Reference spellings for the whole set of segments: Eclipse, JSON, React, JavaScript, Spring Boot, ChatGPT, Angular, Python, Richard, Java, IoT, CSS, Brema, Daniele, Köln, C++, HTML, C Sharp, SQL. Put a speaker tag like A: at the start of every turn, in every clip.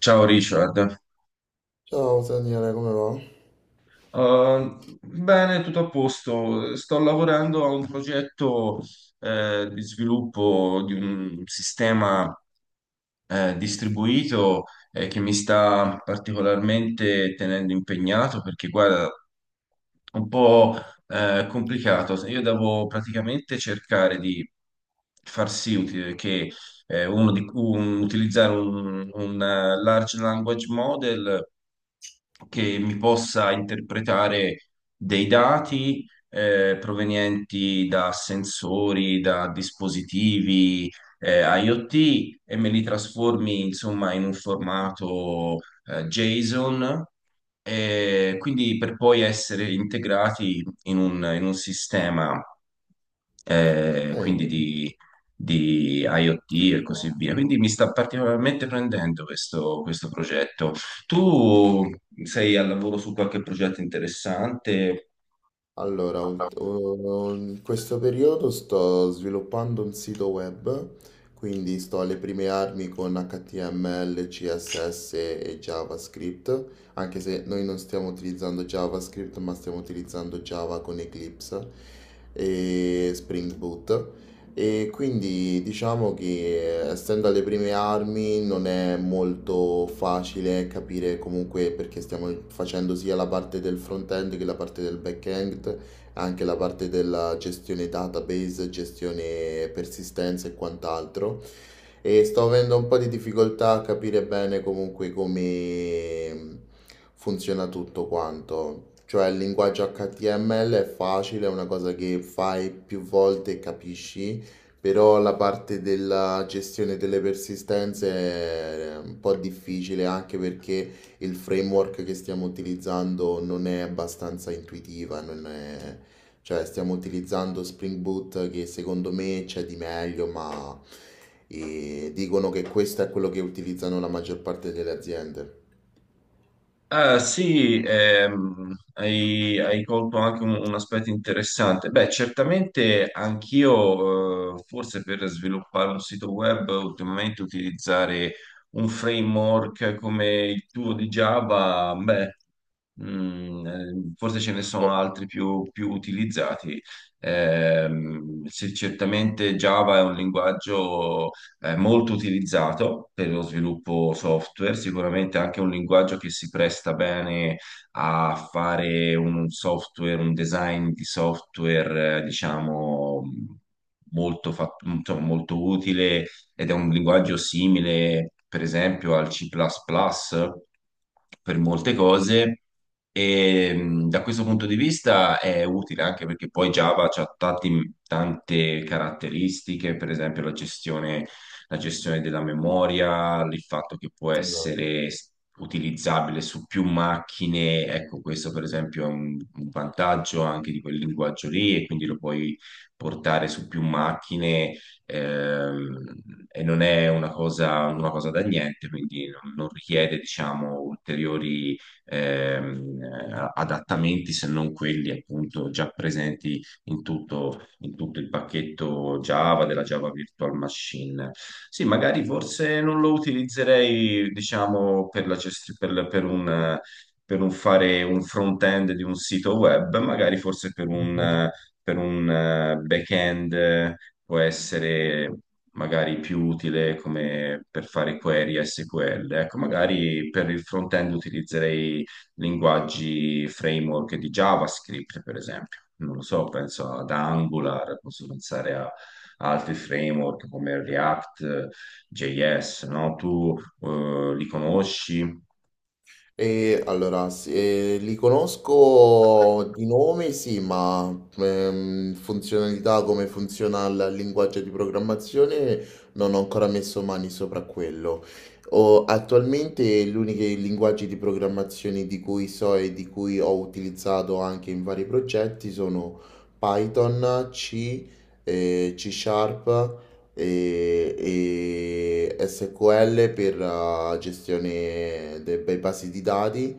A: Ciao Richard.
B: Ciao Daniele, come va?
A: Bene, tutto a posto. Sto lavorando a un progetto di sviluppo di un sistema distribuito che mi sta particolarmente tenendo impegnato perché, guarda, è un po' complicato. Io devo praticamente cercare di far sì uti- che uno di, un- utilizzare un large language model che mi possa interpretare dei dati provenienti da sensori, da dispositivi IoT e me li trasformi insomma in un formato JSON. E quindi per poi essere integrati in un sistema eh, quindi
B: Ehi,
A: di IoT e così via. Quindi mi sta particolarmente prendendo questo progetto. Tu sei al lavoro su qualche progetto interessante?
B: allora, in questo periodo sto sviluppando un sito web, quindi sto alle prime armi con HTML, CSS e JavaScript, anche se noi non stiamo utilizzando JavaScript, ma stiamo utilizzando Java con Eclipse e Spring Boot. E quindi diciamo che essendo alle prime armi non è molto facile capire comunque perché stiamo facendo sia la parte del front-end che la parte del back-end, anche la parte della gestione database, gestione persistenza e quant'altro. E sto avendo un po' di difficoltà a capire bene comunque come funziona tutto quanto. Cioè il linguaggio HTML è facile, è una cosa che fai più volte e capisci. Però la parte della gestione delle persistenze è un po' difficile anche perché il framework che stiamo utilizzando non è abbastanza intuitiva, non è- cioè stiamo utilizzando Spring Boot che secondo me c'è di meglio, ma dicono che questo è quello che utilizzano la maggior parte delle aziende.
A: Ah, sì, hai, hai colto anche un aspetto interessante. Beh, certamente anch'io, forse per sviluppare un sito web, ultimamente utilizzare un framework come il tuo di Java, beh, mm, forse ce ne sono
B: Oh,
A: altri più, più utilizzati. Sì, certamente Java è un linguaggio molto utilizzato per lo sviluppo software, sicuramente anche un linguaggio che si presta bene a fare un software, un design di software, diciamo, insomma, molto utile ed è un linguaggio simile, per esempio, al C++ plus plus per molte cose. E da questo punto di vista è utile anche perché poi Java ha tante caratteristiche, per esempio la gestione della memoria, il fatto che può
B: esatto.
A: essere utilizzabile su più macchine. Ecco, questo per esempio è un vantaggio anche di quel linguaggio lì e quindi lo puoi portare su più macchine, ehm, e non è una cosa da niente, quindi non richiede, diciamo, ulteriori adattamenti se non quelli appunto già presenti in tutto il pacchetto Java della Java Virtual Machine. Sì, magari forse non lo utilizzerei, diciamo, per un... per un fare un front-end di un sito web, magari forse per un back-end può essere magari più utile come per fare query SQL. Ecco, magari per il front-end utilizzerei linguaggi framework di JavaScript, per esempio. Non lo so, penso ad Angular, posso pensare a altri framework come React, JS, no? Tu li conosci?
B: E allora, sì, li conosco di nome, sì, ma funzionalità, come funziona il linguaggio di programmazione, non ho ancora messo mani sopra quello. Attualmente gli unici linguaggi di programmazione di cui so e di cui ho utilizzato anche in vari progetti sono Python, C, C Sharp e, e SQL per gestione dei basi di dati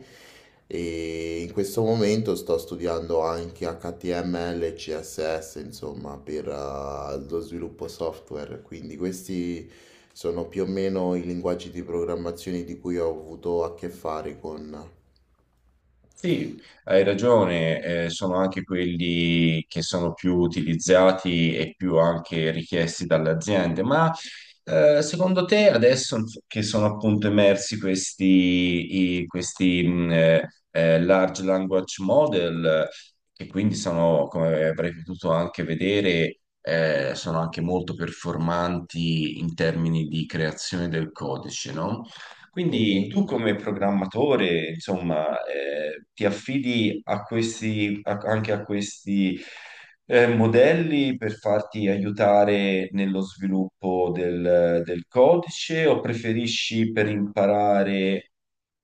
B: e in questo momento sto studiando anche HTML e CSS, insomma, per lo sviluppo software, quindi questi sono più o meno i linguaggi di programmazione di cui ho avuto a che fare con.
A: Sì, hai ragione, sono anche quelli che sono più utilizzati e più anche richiesti dalle aziende, ma secondo te adesso che sono appunto emersi questi, large language model, che quindi sono, come avrei potuto anche vedere, sono anche molto performanti in termini di creazione del codice, no? Quindi
B: Mhm.
A: tu come programmatore, insomma, ti affidi a anche a questi modelli per farti aiutare nello sviluppo del codice o preferisci per imparare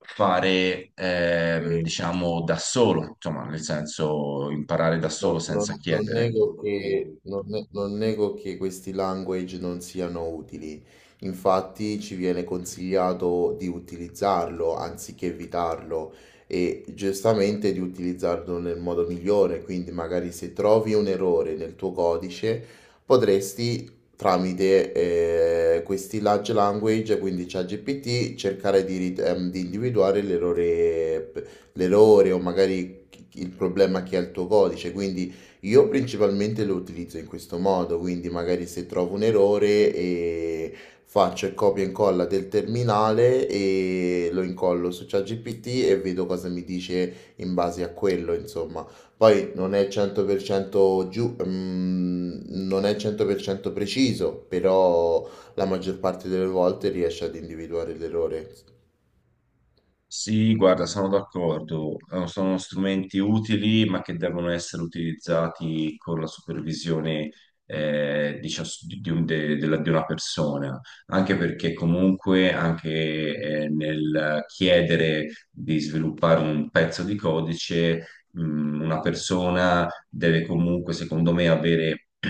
A: fare, diciamo, da solo, insomma, nel senso imparare da solo
B: No, non,
A: senza
B: non
A: chiedere?
B: nego che questi language non siano utili, infatti ci viene consigliato di utilizzarlo anziché evitarlo e giustamente di utilizzarlo nel modo migliore, quindi magari se trovi un errore nel tuo codice potresti tramite questi large language, quindi ChatGPT, cercare di individuare l'errore, l'errore o magari il problema che ha il tuo codice, quindi io principalmente lo utilizzo in questo modo, quindi magari se trovo un errore e faccio il copia e incolla del terminale e lo incollo su ChatGPT e vedo cosa mi dice in base a quello, insomma. Poi non è 100% giù, non è 100% preciso, però la maggior parte delle volte riesce ad individuare l'errore.
A: Sì, guarda, sono d'accordo. Sono strumenti utili, ma che devono essere utilizzati con la supervisione di, di una persona, anche perché comunque anche nel chiedere di sviluppare un pezzo di codice, una persona deve comunque, secondo me, avere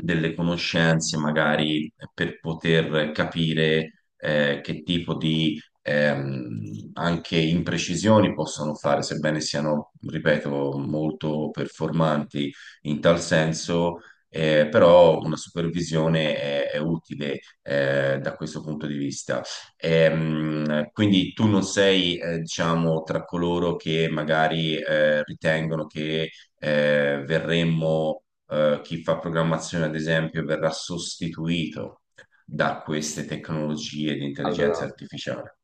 A: delle conoscenze magari per poter capire che tipo di anche imprecisioni possono fare, sebbene siano, ripeto, molto performanti in tal senso, però una supervisione è utile da questo punto di vista. Quindi tu non sei, diciamo, tra coloro che magari ritengono che eh, verremmo, chi fa programmazione, ad esempio, verrà sostituito da queste tecnologie di intelligenza
B: Allora,
A: artificiale.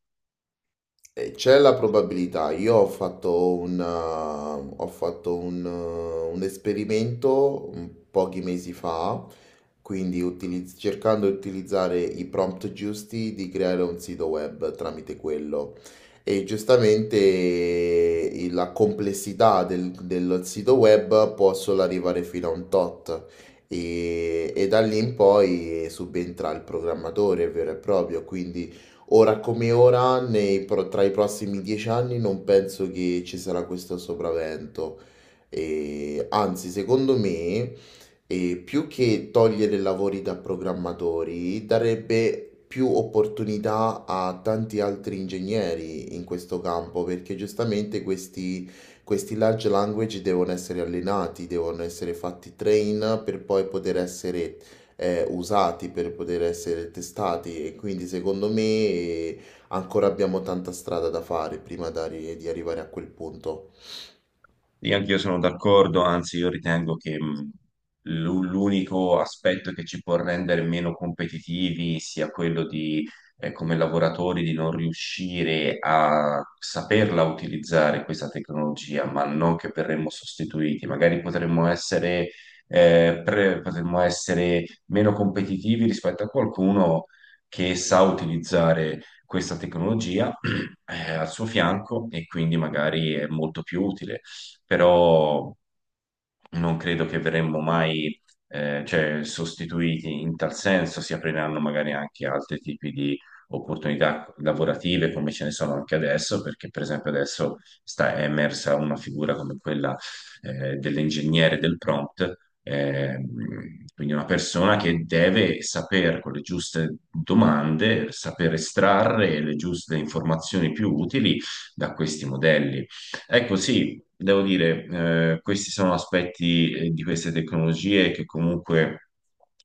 B: C'è la probabilità, io ho fatto un esperimento, pochi mesi fa, quindi cercando di utilizzare i prompt giusti di creare un sito web tramite quello. E giustamente la complessità del sito web può solo arrivare fino a un tot. E da lì in poi subentra il programmatore vero e proprio, quindi ora come ora, tra i prossimi 10 anni non penso che ci sarà questo sopravvento. E, anzi, secondo me, più che togliere lavori da programmatori, darebbe più opportunità a tanti altri ingegneri in questo campo, perché giustamente questi large language devono essere allenati, devono essere fatti train per poi poter essere usati per poter essere testati e quindi secondo me ancora abbiamo tanta strada da fare prima di arrivare a quel punto.
A: Sì, anch'io sono d'accordo, anzi io ritengo che l'unico aspetto che ci può rendere meno competitivi sia quello di, come lavoratori, di non riuscire a saperla utilizzare questa tecnologia, ma non che verremmo sostituiti. Magari potremmo essere, potremmo essere meno competitivi rispetto a qualcuno che sa utilizzare questa tecnologia, al suo fianco e quindi magari è molto più utile, però non credo che verremmo mai cioè, sostituiti in tal senso, si apriranno magari anche altri tipi di opportunità lavorative come ce ne sono anche adesso, perché per esempio adesso sta è emersa una figura come quella dell'ingegnere del prompt, ehm, quindi una persona che deve saper con le giuste domande, saper estrarre le giuste informazioni più utili da questi modelli. Ecco, sì, devo dire, questi sono aspetti di queste tecnologie che comunque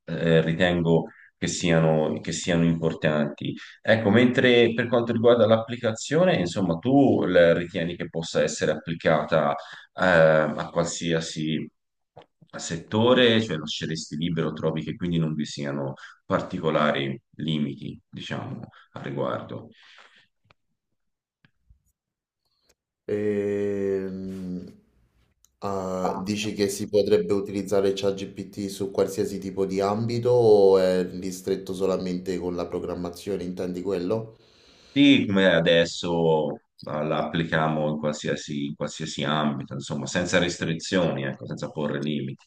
A: ritengo che siano importanti. Ecco, mentre per quanto riguarda l'applicazione, insomma, tu la ritieni che possa essere applicata a qualsiasi settore, cioè lasceresti libero, trovi che quindi non vi siano particolari limiti, diciamo, al riguardo.
B: Ehm, ah, dici che si potrebbe utilizzare ChatGPT su qualsiasi tipo di ambito o è ristretto solamente con la programmazione? Intendi quello?
A: Sì, come adesso ma la applichiamo in qualsiasi ambito, insomma, senza restrizioni, ecco, senza porre limiti.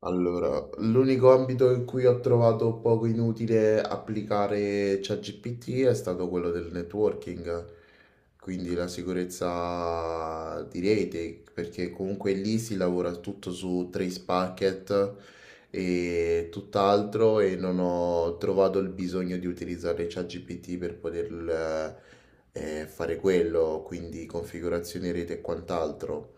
B: Allora, l'unico ambito in cui ho trovato poco inutile applicare ChatGPT è stato quello del networking, quindi la sicurezza di rete, perché comunque lì si lavora tutto su trace packet e tutt'altro e non ho trovato il bisogno di utilizzare ChatGPT per poter fare quello, quindi configurazioni rete e quant'altro.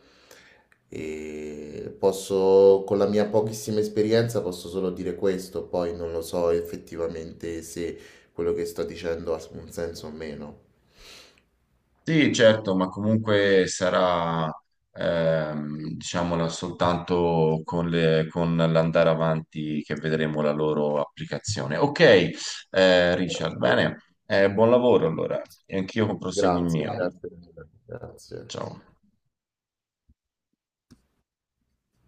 B: E posso, con la mia pochissima esperienza, posso solo dire questo, poi non lo so effettivamente se quello che sto dicendo ha un senso o meno.
A: Sì, certo, ma comunque sarà, diciamola, soltanto con con l'andare avanti che vedremo la loro applicazione. Ok, Richard,
B: Ecco.
A: bene, eh, buon lavoro allora, e anch'io proseguo il
B: Grazie,
A: mio.
B: grazie, mille, grazie.
A: Ciao.